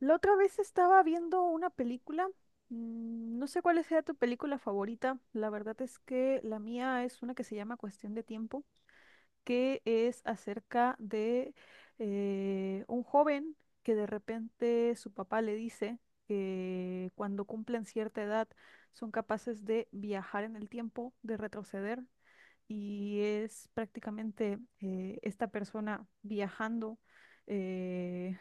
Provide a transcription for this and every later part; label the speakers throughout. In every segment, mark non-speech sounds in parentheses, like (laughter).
Speaker 1: La otra vez estaba viendo una película. No sé cuál sea tu película favorita. La verdad es que la mía es una que se llama Cuestión de Tiempo, que es acerca de un joven que de repente su papá le dice que cuando cumplen cierta edad son capaces de viajar en el tiempo, de retroceder, y es prácticamente esta persona viajando eh,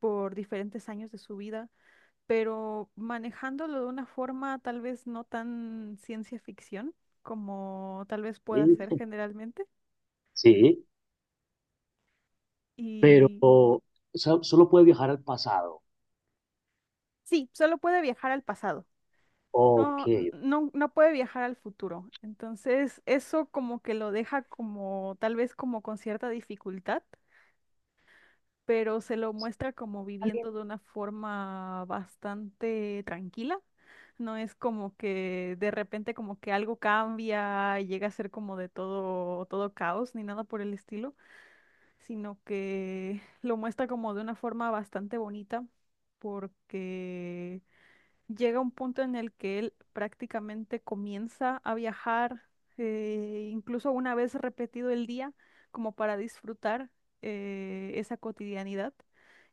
Speaker 1: por diferentes años de su vida, pero manejándolo de una forma tal vez no tan ciencia ficción como tal vez pueda ser
Speaker 2: Sí,
Speaker 1: generalmente.
Speaker 2: sí, pero
Speaker 1: Y
Speaker 2: o sea, solo puede viajar al pasado.
Speaker 1: sí, solo puede viajar al pasado.
Speaker 2: Ok.
Speaker 1: No, no, no puede viajar al futuro. Entonces, eso como que lo deja como tal vez como con cierta dificultad, pero se lo muestra como viviendo de una forma bastante tranquila. No es como que de repente como que algo cambia y llega a ser como de todo, todo caos ni nada por el estilo, sino que lo muestra como de una forma bastante bonita, porque llega un punto en el que él prácticamente comienza a viajar, incluso una vez repetido el día, como para disfrutar esa cotidianidad.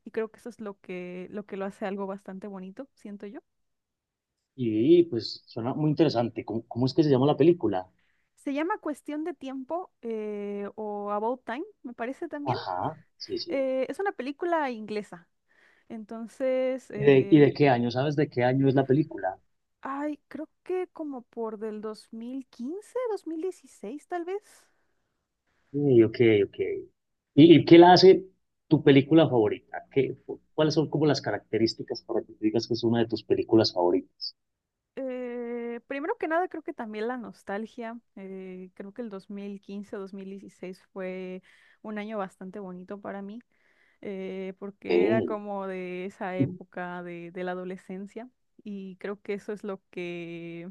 Speaker 1: Y creo que eso es lo que lo hace algo bastante bonito, siento yo.
Speaker 2: Y pues suena muy interesante. ¿Cómo es que se llama la película?
Speaker 1: Se llama Cuestión de Tiempo, o About Time, me parece también.
Speaker 2: Ajá, sí, sí.
Speaker 1: Es una película inglesa. Entonces,
Speaker 2: ¿Y de, y
Speaker 1: eh,
Speaker 2: de qué año? ¿Sabes de qué año es la película?
Speaker 1: ay, creo que como por del 2015, 2016 tal vez.
Speaker 2: Sí, ok, ok. ¿Y qué la hace tu película favorita? ¿Qué, cuáles son como las características para que tú digas que es una de tus películas favoritas?
Speaker 1: Primero que nada, creo que también la nostalgia. Creo que el 2015, 2016 fue un año bastante bonito para mí, porque era
Speaker 2: Sí.
Speaker 1: como de esa época de la adolescencia, y creo que eso es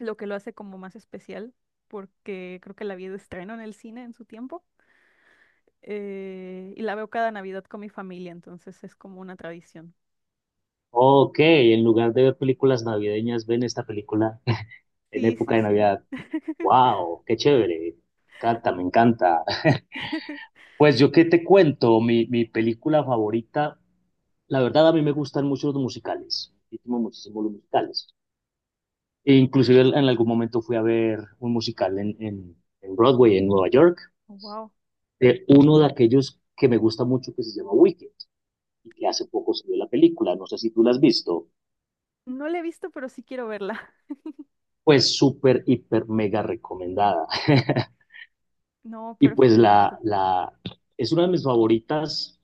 Speaker 1: lo que lo hace como más especial, porque creo que la vi de estreno en el cine en su tiempo, y la veo cada Navidad con mi familia, entonces es como una tradición.
Speaker 2: Ok, en lugar de ver películas navideñas, ven esta película (laughs) en
Speaker 1: Sí,
Speaker 2: época
Speaker 1: sí,
Speaker 2: de
Speaker 1: sí.
Speaker 2: Navidad.
Speaker 1: (laughs)
Speaker 2: Wow, qué chévere. Me encanta, me encanta. Pues
Speaker 1: Sí.
Speaker 2: yo qué te cuento, mi película favorita, la verdad a mí me gustan mucho los musicales, muchísimo, muchísimo los musicales. E inclusive en algún momento fui a ver un musical en Broadway, en Nueva York,
Speaker 1: Wow.
Speaker 2: de uno de aquellos que me gusta mucho que se llama Wicked, y que hace poco salió la película, no sé si tú la has visto.
Speaker 1: No la he visto, pero sí quiero verla. (laughs)
Speaker 2: Pues súper, hiper, mega recomendada. (laughs)
Speaker 1: No,
Speaker 2: Y pues
Speaker 1: perfecto.
Speaker 2: es una de mis favoritas.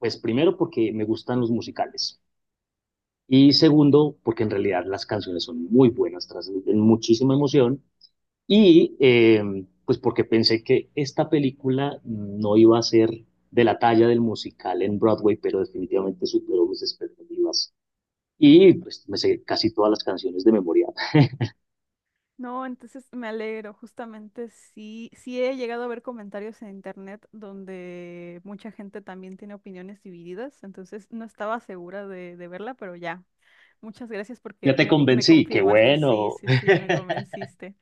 Speaker 2: Pues primero porque me gustan los musicales, y segundo porque en realidad las canciones son muy buenas, transmiten muchísima emoción, y pues porque pensé que esta película no iba a ser de la talla del musical en Broadway, pero definitivamente superó mis expectativas, y pues me sé casi todas las canciones de memoria. (laughs)
Speaker 1: No, entonces me alegro. Justamente sí, sí he llegado a ver comentarios en internet donde mucha gente también tiene opiniones divididas. Entonces no estaba segura de verla, pero ya. Muchas gracias
Speaker 2: Ya
Speaker 1: porque
Speaker 2: te
Speaker 1: me
Speaker 2: convencí, qué
Speaker 1: confirmaste. Sí,
Speaker 2: bueno.
Speaker 1: sí, sí, me convenciste.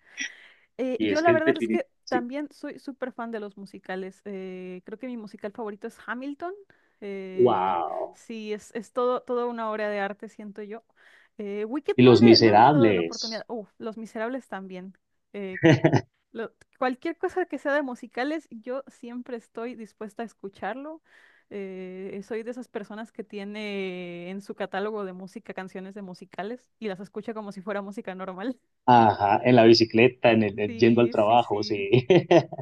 Speaker 2: (laughs) Y
Speaker 1: Yo
Speaker 2: es
Speaker 1: la
Speaker 2: que en
Speaker 1: verdad es
Speaker 2: definitiva,
Speaker 1: que
Speaker 2: sí,
Speaker 1: también soy súper fan de los musicales. Creo que mi musical favorito es Hamilton. eh,
Speaker 2: wow.
Speaker 1: sí, es todo, toda una obra de arte, siento yo. Wicked
Speaker 2: Y Los
Speaker 1: no le he dado la oportunidad.
Speaker 2: Miserables.
Speaker 1: Uf, Los Miserables también. eh, Cualquier cosa que sea de musicales, yo siempre estoy dispuesta a escucharlo. Soy de esas personas que tiene en su catálogo de música canciones de musicales y las escucha como si fuera música normal. (laughs)
Speaker 2: Ajá, en la bicicleta, en yendo al
Speaker 1: Sí, sí,
Speaker 2: trabajo,
Speaker 1: sí.
Speaker 2: sí. (laughs)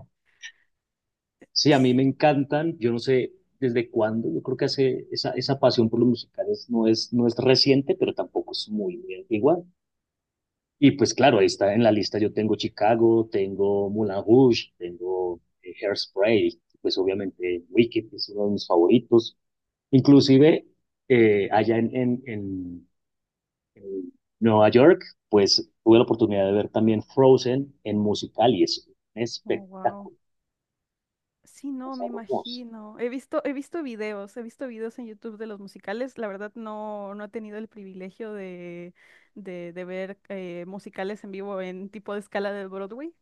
Speaker 2: Sí, a mí me encantan, yo no sé desde cuándo, yo creo que hace esa, esa pasión por los musicales no es reciente, pero tampoco es muy antigua. Y pues claro, ahí está en la lista, yo tengo Chicago, tengo Moulin Rouge, tengo Hairspray, pues obviamente Wicked es uno de mis favoritos. Inclusive allá en Nueva York, pues tuve la oportunidad de ver también Frozen en musical, y es un
Speaker 1: Oh, wow.
Speaker 2: espectáculo,
Speaker 1: Sí, no,
Speaker 2: es
Speaker 1: me
Speaker 2: hermoso.
Speaker 1: imagino. He visto videos en YouTube de los musicales. La verdad no, no he tenido el privilegio de ver musicales en vivo en tipo de escala de Broadway.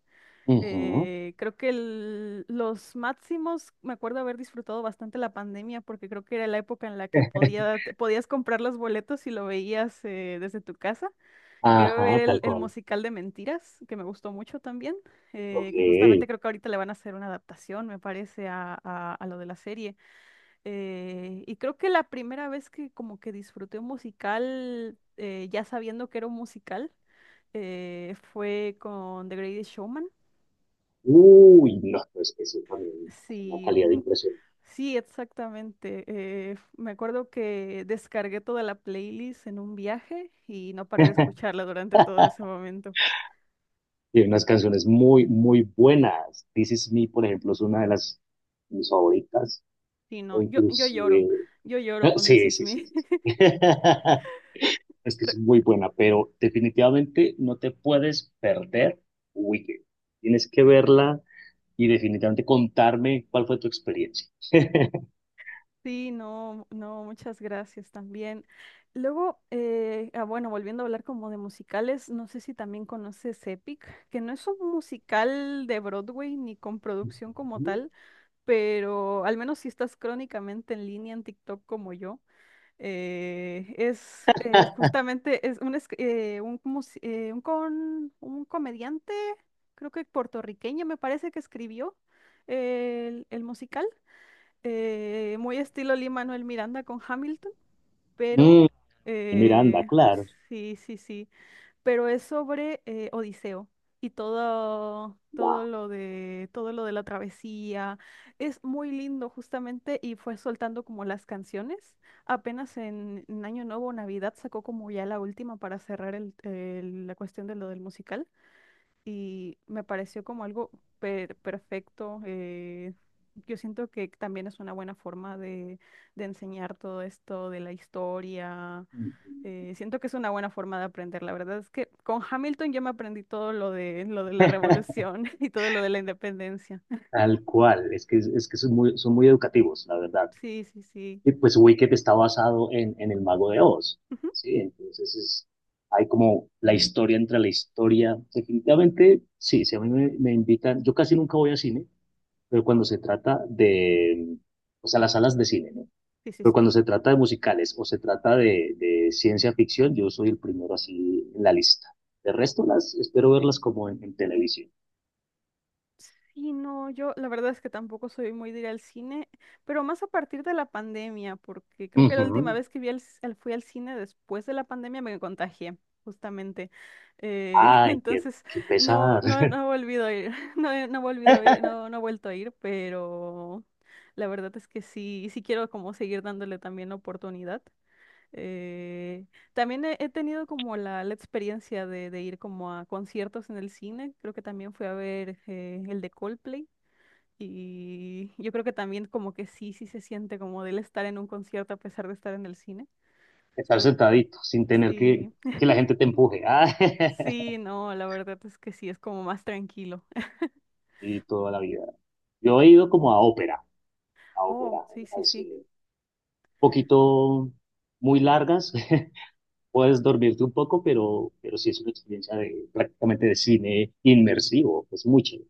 Speaker 2: Ujú.
Speaker 1: Creo que los máximos, me acuerdo haber disfrutado bastante la pandemia porque creo que era la época en la que
Speaker 2: (laughs)
Speaker 1: podía, te podías comprar los boletos y lo veías desde tu casa. Llegué a ver
Speaker 2: Ajá, tal
Speaker 1: el
Speaker 2: cual.
Speaker 1: musical de Mentiras, que me gustó mucho también,
Speaker 2: Ok.
Speaker 1: que justamente creo que ahorita le van a hacer una adaptación, me parece, a lo de la serie. Y creo que la primera vez que como que disfruté un musical, ya sabiendo que era un musical, fue con The Greatest Showman.
Speaker 2: Uy, no, pues eso también es una
Speaker 1: Sí,
Speaker 2: calidad
Speaker 1: mm,
Speaker 2: impresionante.
Speaker 1: sí, exactamente. Me acuerdo que descargué toda la playlist en un viaje y no paré de
Speaker 2: (laughs)
Speaker 1: escucharla durante todo ese momento.
Speaker 2: Tiene unas canciones muy, muy buenas. This Is Me, por ejemplo, es una de las mis favoritas.
Speaker 1: Sí, no,
Speaker 2: O inclusive...
Speaker 1: yo
Speaker 2: (laughs)
Speaker 1: lloro con This
Speaker 2: Sí,
Speaker 1: Is
Speaker 2: sí, sí,
Speaker 1: Me.
Speaker 2: sí, sí. (laughs)
Speaker 1: (laughs)
Speaker 2: Es que es
Speaker 1: Pero-
Speaker 2: muy buena, pero definitivamente no te puedes perder Wicked. Tienes que verla y definitivamente contarme cuál fue tu experiencia.
Speaker 1: Sí, no, no, muchas gracias también. Luego, bueno, volviendo a hablar como de musicales, no sé si también conoces Epic, que no es un musical de Broadway ni con producción como tal, pero al menos si estás crónicamente en línea en TikTok como yo. Es justamente es- un, mus- un, con- un comediante, creo que puertorriqueño, me parece, que escribió el musical, muy estilo Lin-Manuel Miranda con Hamilton, pero
Speaker 2: Mm, Miranda,
Speaker 1: eh,
Speaker 2: claro.
Speaker 1: sí, sí, sí, pero es sobre Odiseo y todo,
Speaker 2: Wow.
Speaker 1: todo lo de la travesía. Es muy lindo justamente y fue soltando como las canciones. Apenas en Año Nuevo o Navidad sacó como ya la última para cerrar la cuestión de lo del musical, y me pareció como algo perfecto. Yo siento que también es una buena forma de enseñar todo esto de la historia. Siento que es una buena forma de aprender. La verdad es que con Hamilton yo me aprendí todo lo de la revolución (laughs) y todo lo de la independencia.
Speaker 2: Tal cual. Es que son muy educativos, la verdad.
Speaker 1: Sí, sí, sí.
Speaker 2: Y pues Wicked está basado en el Mago de Oz.
Speaker 1: Ujú.
Speaker 2: Sí, entonces es, hay como la historia entre la historia. Definitivamente, sí, si a mí me invitan, yo casi nunca voy a cine, pero cuando se trata de, o sea, las salas de cine, ¿no?
Speaker 1: Sí, sí,
Speaker 2: Pero
Speaker 1: sí.
Speaker 2: cuando se trata de musicales o se trata de ciencia ficción, yo soy el primero así en la lista. De resto, las espero verlas como en televisión.
Speaker 1: Y no, yo la verdad es que tampoco soy muy de ir al cine, pero más a partir de la pandemia, porque creo que la última
Speaker 2: Ujú.
Speaker 1: vez que vi al c- al- fui al cine después de la pandemia me contagié, justamente. Eh, (laughs)
Speaker 2: Ay, qué,
Speaker 1: entonces,
Speaker 2: qué
Speaker 1: no,
Speaker 2: pesar.
Speaker 1: no, no he volvido a ir, (laughs) no, no he volvido a ir,
Speaker 2: (laughs)
Speaker 1: no, no he vuelto a ir, pero la verdad es que sí, sí quiero como seguir dándole también la oportunidad. Eh, He tenido como la experiencia de ir como a conciertos en el cine. Creo que también fui a ver el de Coldplay. Y yo creo que también como que sí, sí se siente como del estar en un concierto a pesar de estar en el cine.
Speaker 2: Estar
Speaker 1: Creo que
Speaker 2: sentadito sin tener
Speaker 1: sí.
Speaker 2: que
Speaker 1: (laughs)
Speaker 2: la gente te empuje. Ay,
Speaker 1: Sí, no, la verdad es que sí, es como más tranquilo.
Speaker 2: (laughs) y toda la vida. Yo he ido como a
Speaker 1: Oh,
Speaker 2: ópera,
Speaker 1: sí, sí,
Speaker 2: al
Speaker 1: sí.
Speaker 2: cine. Un poquito muy largas, (laughs) puedes dormirte un poco, pero sí es una experiencia de, prácticamente de cine inmersivo, es muy chévere.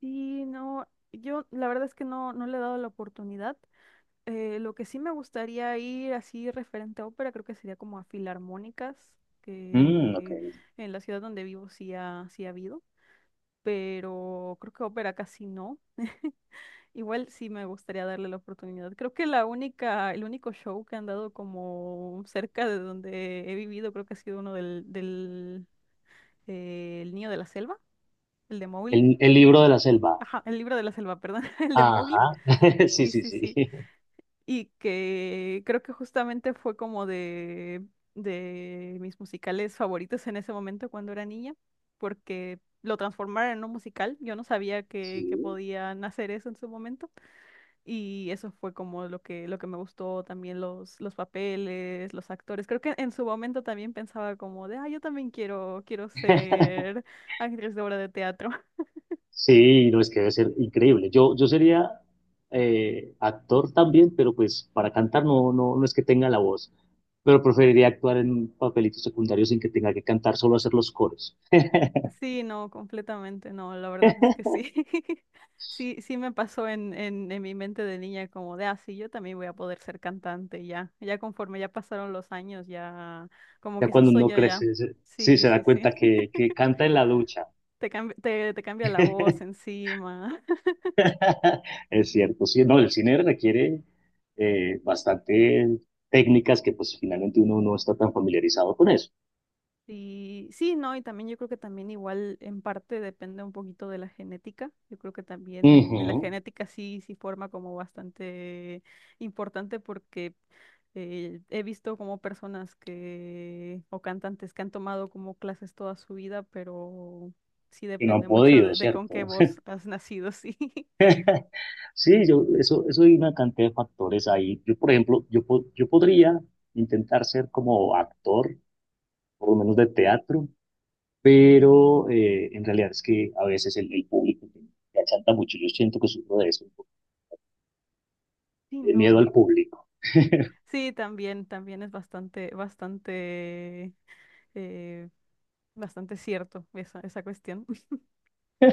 Speaker 1: Sí, no, yo la verdad es que no, no le he dado la oportunidad. Lo que sí me gustaría ir así referente a ópera, creo que sería como a filarmónicas,
Speaker 2: Mm, ok.
Speaker 1: que en la ciudad donde vivo sí ha habido, pero creo que ópera casi no. Igual sí me gustaría darle la oportunidad. Creo que el único show que han dado como cerca de donde he vivido, creo que ha sido uno del El Niño de la Selva, el de Mowgli.
Speaker 2: El libro de la selva.
Speaker 1: Ajá, el libro de la selva, perdón, (laughs) el de Mowgli.
Speaker 2: Ajá, (laughs) sí,
Speaker 1: Sí,
Speaker 2: sí,
Speaker 1: sí,
Speaker 2: sí.
Speaker 1: sí. Y que creo que justamente fue como de mis musicales favoritos en ese momento cuando era niña, porque lo transformaron en un musical. Yo no sabía que
Speaker 2: Sí.
Speaker 1: podían hacer eso en su momento, y eso fue como lo que me gustó, también los papeles, los actores. Creo que en su momento también pensaba como de, ah, yo también quiero ser actriz de obra de teatro.
Speaker 2: Sí, no, es que debe ser increíble. Yo sería actor también, pero pues para cantar no, no, no es que tenga la voz, pero preferiría actuar en papelitos secundarios sin que tenga que cantar, solo hacer los coros. (laughs)
Speaker 1: Sí, no, completamente, no, la verdad es que sí. (laughs) Sí, sí me pasó en mi mente de niña como de, ah, sí, yo también voy a poder ser cantante y ya, ya conforme ya pasaron los años, ya como
Speaker 2: Ya
Speaker 1: que ese
Speaker 2: cuando uno
Speaker 1: sueño ya,
Speaker 2: crece, sí
Speaker 1: sí,
Speaker 2: se
Speaker 1: sí,
Speaker 2: da cuenta
Speaker 1: sí,
Speaker 2: que
Speaker 1: (laughs)
Speaker 2: canta en la ducha.
Speaker 1: te cambia, te cambia la voz
Speaker 2: (laughs)
Speaker 1: encima.
Speaker 2: (laughs) Es cierto, sí, no, el cine requiere bastante técnicas que pues finalmente uno no está tan familiarizado con eso.
Speaker 1: Sí, sí, no, y también yo creo que también igual en parte depende un poquito de la genética. Yo creo que también la
Speaker 2: Ujú.
Speaker 1: genética sí, sí forma como bastante importante, porque he visto como personas que, o cantantes que han tomado como clases toda su vida, pero sí
Speaker 2: Que no han
Speaker 1: depende mucho
Speaker 2: podido,
Speaker 1: de con qué
Speaker 2: ¿cierto?
Speaker 1: voz
Speaker 2: (laughs)
Speaker 1: has nacido, sí. (laughs)
Speaker 2: Sí, yo, eso hay una cantidad de factores ahí. Yo, por ejemplo, yo, yo podría intentar ser como actor, por lo menos de teatro, pero en realidad es que a veces el público me achanta mucho. Yo siento que sufro de eso,
Speaker 1: Sí,
Speaker 2: de miedo
Speaker 1: no.
Speaker 2: al público.
Speaker 1: Sí, también, también es bastante, bastante, eh, bastante cierto esa, esa cuestión.